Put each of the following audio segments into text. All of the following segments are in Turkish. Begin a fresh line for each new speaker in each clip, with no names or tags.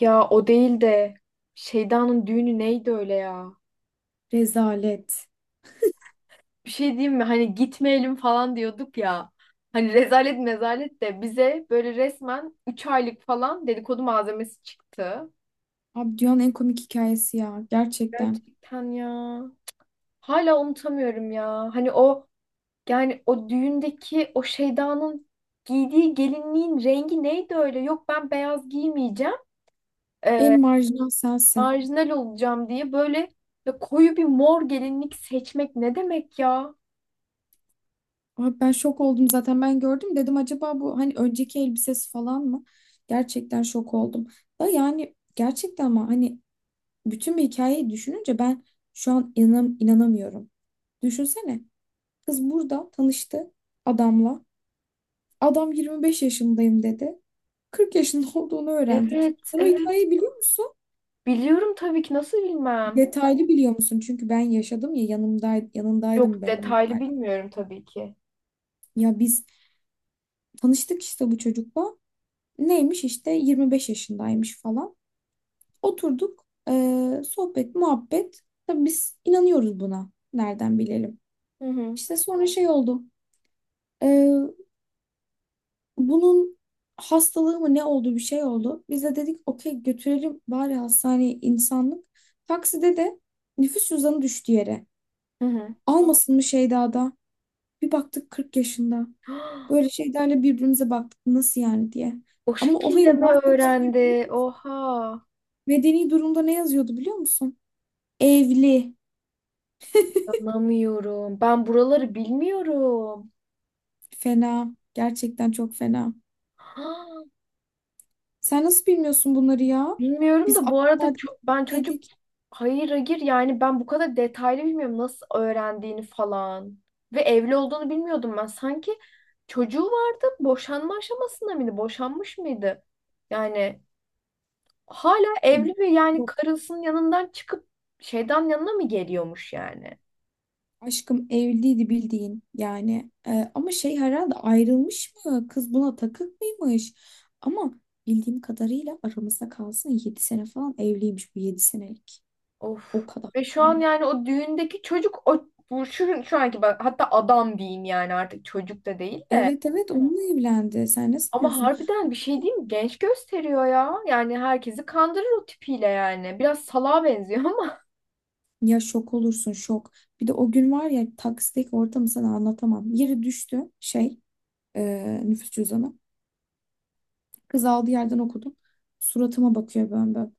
Ya o değil de Şeyda'nın düğünü neydi öyle ya?
Rezalet.
Bir şey diyeyim mi? Hani gitmeyelim falan diyorduk ya. Hani rezalet mezalet de bize böyle resmen 3 aylık falan dedikodu malzemesi çıktı.
Abi, dünyanın en komik hikayesi ya. Gerçekten.
Gerçekten ya. Hala unutamıyorum ya. Hani o yani o düğündeki o Şeyda'nın giydiği gelinliğin rengi neydi öyle? Yok ben beyaz giymeyeceğim.
En
Ee,
marjinal sensin.
Marjinal olacağım diye böyle ya koyu bir mor gelinlik seçmek ne demek ya?
Abi, ben şok oldum zaten, ben gördüm. Dedim acaba bu hani önceki elbisesi falan mı? Gerçekten şok oldum. Da yani gerçekten ama hani bütün bir hikayeyi düşününce ben şu an inanamıyorum. Düşünsene. Kız burada tanıştı adamla. Adam 25 yaşındayım dedi. 40 yaşında olduğunu öğrendik.
Evet,
Sen o
evet.
hikayeyi biliyor musun?
Biliyorum tabii ki. Nasıl bilmem?
Detaylı biliyor musun? Çünkü ben yaşadım ya, yanındaydım
Yok,
ben onun.
detaylı bilmiyorum tabii ki.
Ya biz tanıştık işte bu çocukla. Neymiş işte 25 yaşındaymış falan. Oturduk, sohbet muhabbet. Tabii biz inanıyoruz buna. Nereden bilelim?
Hı hı.
İşte sonra şey oldu. Bunun hastalığı mı ne oldu, bir şey oldu. Biz de dedik okey, götürelim bari hastaneye, insanlık. Takside de nüfus cüzdanı düştü yere.
Hı hı.
Almasın mı Şeyda'da? Bir baktık 40 yaşında. Böyle şeylerle birbirimize baktık nasıl yani diye.
O
Ama o
şekilde
hayır,
mi
daha kötüsünü biliyor.
öğrendi? Oha.
Medeni durumda ne yazıyordu biliyor musun? Evli.
Anlamıyorum. Ben buraları bilmiyorum.
Fena. Gerçekten çok fena. Sen nasıl bilmiyorsun bunları ya?
Bilmiyorum
Biz
da bu arada ben çocuk
dedik.
hayır hayır yani ben bu kadar detaylı bilmiyorum nasıl öğrendiğini falan. Ve evli olduğunu bilmiyordum ben. Sanki çocuğu vardı, boşanma aşamasında mıydı? Boşanmış mıydı? Yani hala evli ve yani karısının yanından çıkıp şeyden yanına mı geliyormuş yani?
Aşkım evliydi, bildiğin yani. Ama şey, herhalde ayrılmış mı, kız buna takık mıymış, ama bildiğim kadarıyla, aramızda kalsın, 7 sene falan evliymiş bu, 7 senelik, o
Of.
kadar
Ve şu an
yani.
yani o düğündeki çocuk o bu şu anki, bak hatta adam diyeyim yani, artık çocuk da değil de.
Evet, evet, onunla evlendi, sen ne
Ama
sanıyorsun?
harbiden bir şey diyeyim mi? Genç gösteriyor ya. Yani herkesi kandırır o tipiyle yani. Biraz salağa benziyor ama.
Ya şok olursun, şok. Bir de o gün var ya, taksideki ortamı sana anlatamam. Yere düştü şey, nüfus cüzdanı, kız aldığı yerden okudum, suratıma bakıyor böyle.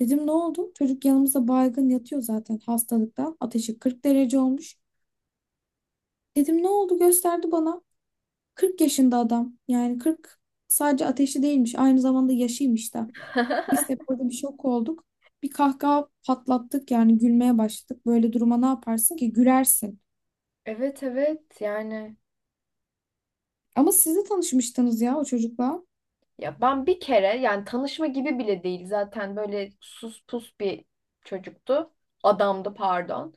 Dedim ne oldu? Çocuk yanımızda baygın yatıyor zaten hastalıktan. Ateşi 40 derece olmuş. Dedim ne oldu? Gösterdi bana. 40 yaşında adam. Yani 40 sadece ateşi değilmiş. Aynı zamanda yaşıymış da. Biz de burada bir şok olduk. Bir kahkaha patlattık yani, gülmeye başladık. Böyle duruma ne yaparsın ki? Gülersin.
Evet evet yani.
Ama siz de tanışmıştınız ya o çocukla.
Ya ben bir kere yani tanışma gibi bile değil, zaten böyle sus pus bir çocuktu. Adamdı pardon.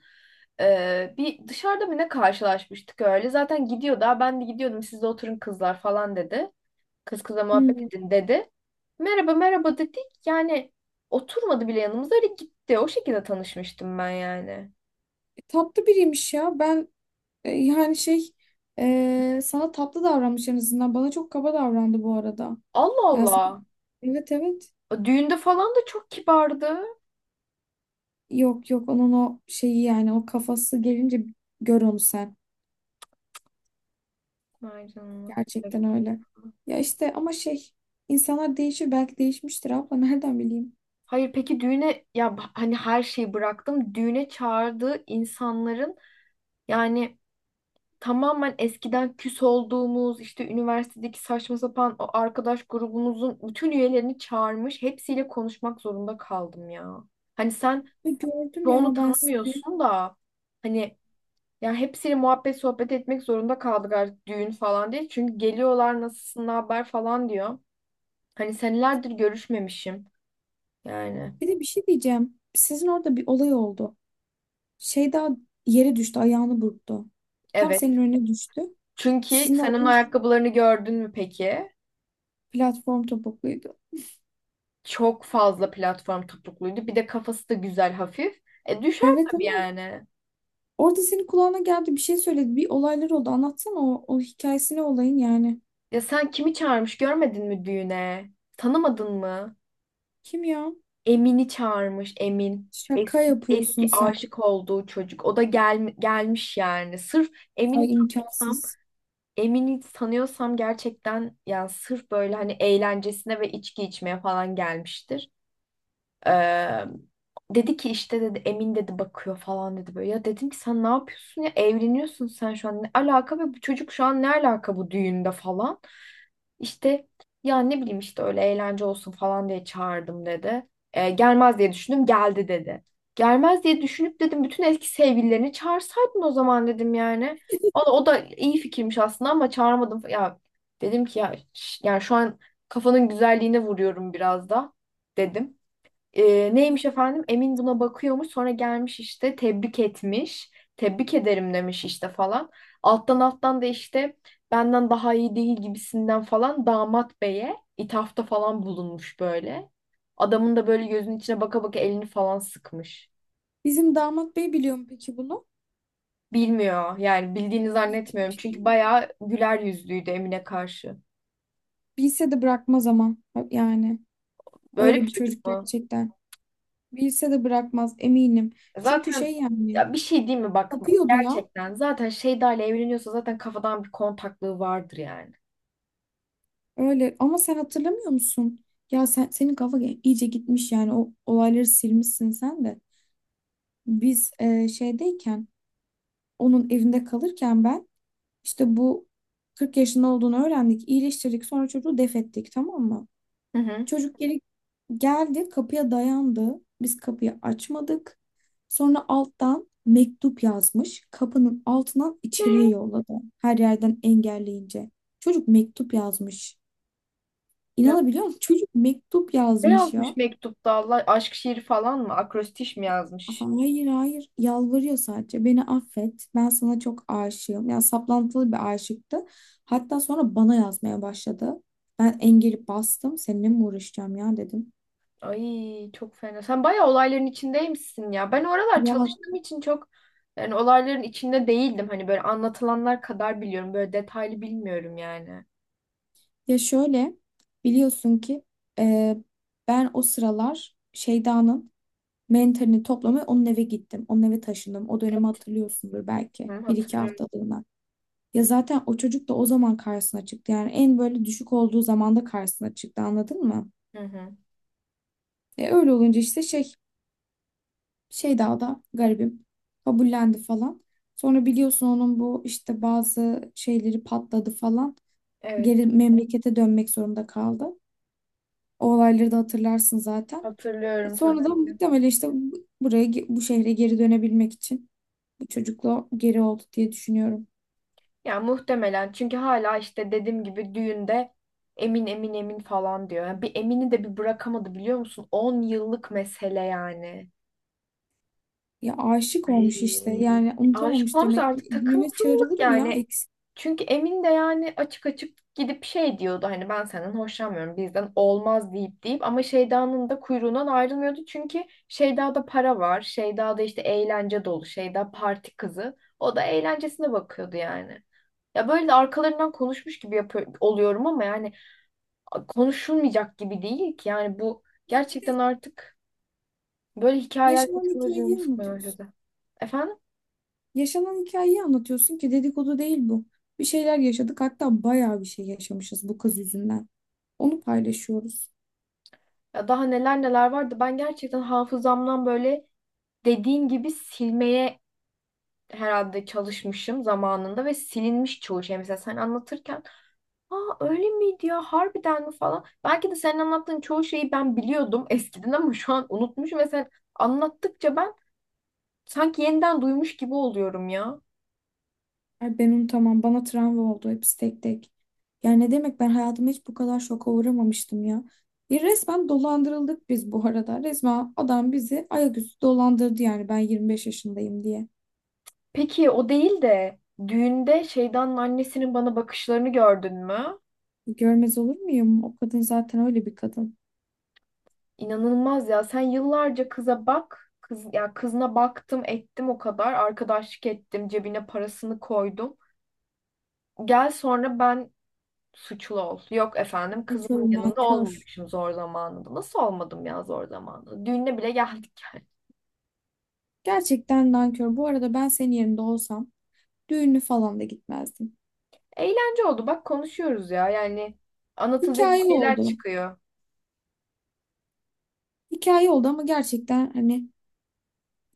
Bir dışarıda mı ne karşılaşmıştık öyle. Zaten gidiyordu. "Aa, ben de gidiyordum, siz de oturun kızlar" falan dedi. Kız kıza muhabbet
Hmm,
edin dedi. Merhaba merhaba dedik. Yani oturmadı bile yanımıza, öyle gitti. O şekilde tanışmıştım ben yani.
tatlı biriymiş ya. Ben yani sana tatlı davranmış en azından. Bana çok kaba davrandı bu arada.
Allah
Yani sen-
Allah.
evet, evet.
O düğünde falan da çok kibardı.
Yok, yok, onun o şeyi yani, o kafası gelince gör onu sen.
Vay canına.
Gerçekten öyle. Ya işte ama şey, insanlar değişir, belki değişmiştir abla, nereden bileyim.
Hayır peki düğüne ya hani her şeyi bıraktım. Düğüne çağırdığı insanların yani tamamen eskiden küs olduğumuz işte üniversitedeki saçma sapan o arkadaş grubumuzun bütün üyelerini çağırmış. Hepsiyle konuşmak zorunda kaldım ya. Hani sen
Ve gördüm
çoğunu
ya ben sizi.
tanımıyorsun da hani ya hepsiyle muhabbet sohbet etmek zorunda kaldık artık düğün falan diye. Çünkü geliyorlar, nasılsın ne haber falan diyor. Hani senelerdir görüşmemişim yani.
Bir de bir şey diyeceğim. Sizin orada bir olay oldu. Şey daha, yere düştü, ayağını burktu. Tam senin
Evet.
önüne düştü.
Çünkü
Sizin de
sen onun
aranız.
ayakkabılarını gördün mü peki?
Platform topukluydu.
Çok fazla platform topukluydu. Bir de kafası da güzel hafif. E düşer
Evet,
tabii
ama
yani.
orada senin kulağına geldi, bir şey söyledi. Bir olaylar oldu. Anlatsana o hikayesini olayın yani.
Ya sen kimi çağırmış görmedin mi düğüne? Tanımadın mı?
Kim ya?
Emin'i çağırmış, Emin.
Şaka
Eski
yapıyorsun
eski
sen.
aşık olduğu çocuk. O da gelmiş yani. Sırf
Ay,
Emin'i tanıyorsam,
imkansız.
Emin'i tanıyorsam gerçekten yani, sırf böyle hani eğlencesine ve içki içmeye falan gelmiştir. Ee, Dedi ki işte, dedi Emin dedi bakıyor falan dedi böyle. Ya dedim ki sen ne yapıyorsun ya, evleniyorsun sen şu an, ne alaka ve bu çocuk şu an ne alaka bu düğünde falan. İşte ya ne bileyim işte öyle eğlence olsun falan diye çağırdım dedi. Gelmez diye düşündüm, geldi dedi. Gelmez diye düşünüp dedim bütün eski sevgililerini çağırsaydın o zaman dedim yani. O da iyi fikirmiş aslında ama çağırmadım. Ya dedim ki ya yani şu an kafanın güzelliğine vuruyorum biraz da dedim.
Ay.
Neymiş efendim? Emin buna bakıyormuş. Sonra gelmiş işte, tebrik etmiş. Tebrik ederim demiş işte falan. Alttan alttan da işte benden daha iyi değil gibisinden falan damat beye ithafta falan bulunmuş böyle. Adamın da böyle gözünün içine baka baka elini falan sıkmış.
Bizim damat bey biliyor mu peki bunu?
Bilmiyor yani, bildiğini
Bildiğim Bir
zannetmiyorum.
şey değil
Çünkü
mi?
bayağı güler yüzlüydü Emin'e karşı.
Bilse de bırakmaz ama. Yani
Böyle bir
öyle bir
çocuk
çocuk
mu?
gerçekten. Bilse de bırakmaz, eminim. Çünkü şey
Zaten
yani,
ya bir şey değil mi bak bak,
tapıyordu ya.
gerçekten zaten Şeyda ile evleniyorsa zaten kafadan bir kontaklığı vardır yani.
Öyle, ama sen hatırlamıyor musun? Ya senin kafa iyice gitmiş yani, o olayları silmişsin sen de. Biz şeydeyken, onun evinde kalırken, ben işte bu 40 yaşında olduğunu öğrendik. İyileştirdik. Sonra çocuğu def ettik, tamam mı?
Hı hı.
Çocuk geri geldi, kapıya dayandı. Biz kapıyı açmadık. Sonra alttan mektup yazmış. Kapının altından içeriye yolladı. Her yerden engelleyince. Çocuk mektup yazmış.
Ya
İnanabiliyor musun? Çocuk mektup
ne
yazmış
yazmış
ya.
mektupta, Allah aşk şiiri falan mı? Akrostiş mi yazmış?
Hayır, hayır, yalvarıyor sadece, beni affet, ben sana çok aşığım. Yani saplantılı bir aşıktı, hatta sonra bana yazmaya başladı. Ben engeli bastım, seninle mi uğraşacağım ya dedim.
Ay çok fena. Sen bayağı olayların içindeymişsin ya. Ben oralar
ya
çalıştığım için çok yani olayların içinde değildim. Hani böyle anlatılanlar kadar biliyorum. Böyle detaylı bilmiyorum yani.
Şöyle, biliyorsun ki e, ben o sıralar Şeyda'nın mentalini toplamaya onun eve gittim, onun eve taşındım, o dönemi hatırlıyorsundur
Hı,
belki, bir iki
hatırlıyorum.
haftalığına. Ya zaten o çocuk da o zaman karşısına çıktı yani, en böyle düşük olduğu zamanda karşısına çıktı, anladın mı?
Hı hı.
Öyle olunca işte şey, daha da garibim, kabullendi falan. Sonra biliyorsun onun bu işte bazı şeyleri patladı falan.
Evet,
Geri memlekete dönmek zorunda kaldı. O olayları da hatırlarsın zaten.
hatırlıyorum tabii.
Sonra da muhtemelen işte bu şehre geri dönebilmek için bu çocukla geri oldu diye düşünüyorum.
Ya muhtemelen, çünkü hala işte dediğim gibi düğünde Emin Emin Emin falan diyor. Yani bir Emin'i de bir bırakamadı biliyor musun? 10 yıllık mesele yani.
Ya aşık olmuş
Ay.
işte yani,
Aşık
unutamamış
olmuş,
demek ki.
artık
Düğüne
takıntılılık
çağrılır mı ya
yani.
eksik?
Çünkü Emin de yani açık açık gidip şey diyordu hani ben senden hoşlanmıyorum bizden olmaz deyip deyip ama Şeyda'nın da kuyruğundan ayrılmıyordu. Çünkü Şeyda'da para var. Şeyda'da işte eğlence dolu. Şeyda parti kızı. O da eğlencesine bakıyordu yani. Ya böyle de arkalarından konuşmuş gibi yapıyor, oluyorum ama yani konuşulmayacak gibi değil ki. Yani bu
Ya bir de
gerçekten artık böyle hikayeler
yaşanan
yaşamayı,
hikayeyi
canımı sıkmaya
anlatıyorsun.
başladı. Efendim?
Yaşanan hikayeyi anlatıyorsun ki, dedikodu değil bu. Bir şeyler yaşadık, hatta bayağı bir şey yaşamışız bu kız yüzünden. Onu paylaşıyoruz.
Ya daha neler neler vardı. Ben gerçekten hafızamdan böyle dediğin gibi silmeye herhalde çalışmışım zamanında ve silinmiş çoğu şey. Mesela sen anlatırken, aa öyle miydi ya, harbiden mi falan. Belki de senin anlattığın çoğu şeyi ben biliyordum eskiden ama şu an unutmuşum ve sen anlattıkça ben sanki yeniden duymuş gibi oluyorum ya.
Ay, ben unutamam, bana travma oldu hepsi, tek tek. Yani ne demek, ben hayatımda hiç bu kadar şoka uğramamıştım ya. Bir resmen dolandırıldık biz bu arada. Resmen adam bizi ayaküstü dolandırdı yani, ben 25 yaşındayım diye.
Peki o değil de düğünde şeytanın annesinin bana bakışlarını gördün mü?
Görmez olur muyum? O kadın zaten öyle bir kadın.
İnanılmaz ya. Sen yıllarca kıza bak. Ya kızına baktım ettim o kadar. Arkadaşlık ettim. Cebine parasını koydum. Gel sonra ben suçlu ol. Yok efendim
Nankör,
kızımın yanında
nankör.
olmamışım zor zamanında. Nasıl olmadım ya zor zamanında? Düğüne bile geldik yani.
Gerçekten nankör. Bu arada ben senin yerinde olsam düğünü falan da gitmezdim.
Eğlence oldu. Bak konuşuyoruz ya. Yani anlatılacak bir
Hikaye
şeyler
oldu.
çıkıyor.
Hikaye oldu, ama gerçekten hani,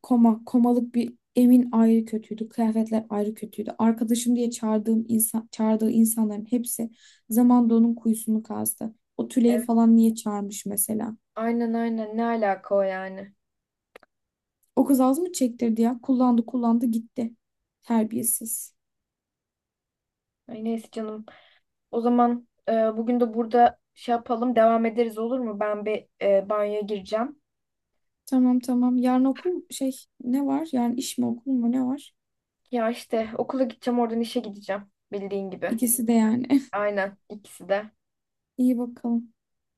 komalık bir evin ayrı kötüydü. Kıyafetler ayrı kötüydü. Arkadaşım diye çağırdığım çağırdığı insanların hepsi zamanda onun kuyusunu kazdı. O Tülay'ı
Evet.
falan niye çağırmış mesela?
Aynen aynen, ne alaka o yani.
O kız az mı çektirdi ya? Kullandı, kullandı, gitti. Terbiyesiz.
Ay neyse canım. O zaman bugün de burada şey yapalım, devam ederiz olur mu? Ben bir banyoya gireceğim.
Tamam, tamam. Yarın okul şey, ne var? Yarın iş mi, okul mu, ne var?
Ya işte okula gideceğim, oradan işe gideceğim bildiğin gibi.
İkisi de yani.
Aynen ikisi de.
İyi bakalım.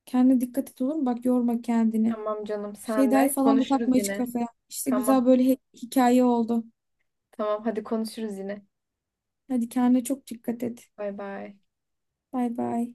Kendine dikkat et, olur mu? Bak, yorma kendini.
Tamam canım, sen
Şeyda'yı
de.
falan da takma
Konuşuruz
hiç
yine.
kafaya. İşte
Tamam
güzel, böyle hikaye oldu.
tamam, hadi konuşuruz yine.
Hadi kendine çok dikkat et.
Bay bay.
Bay bay.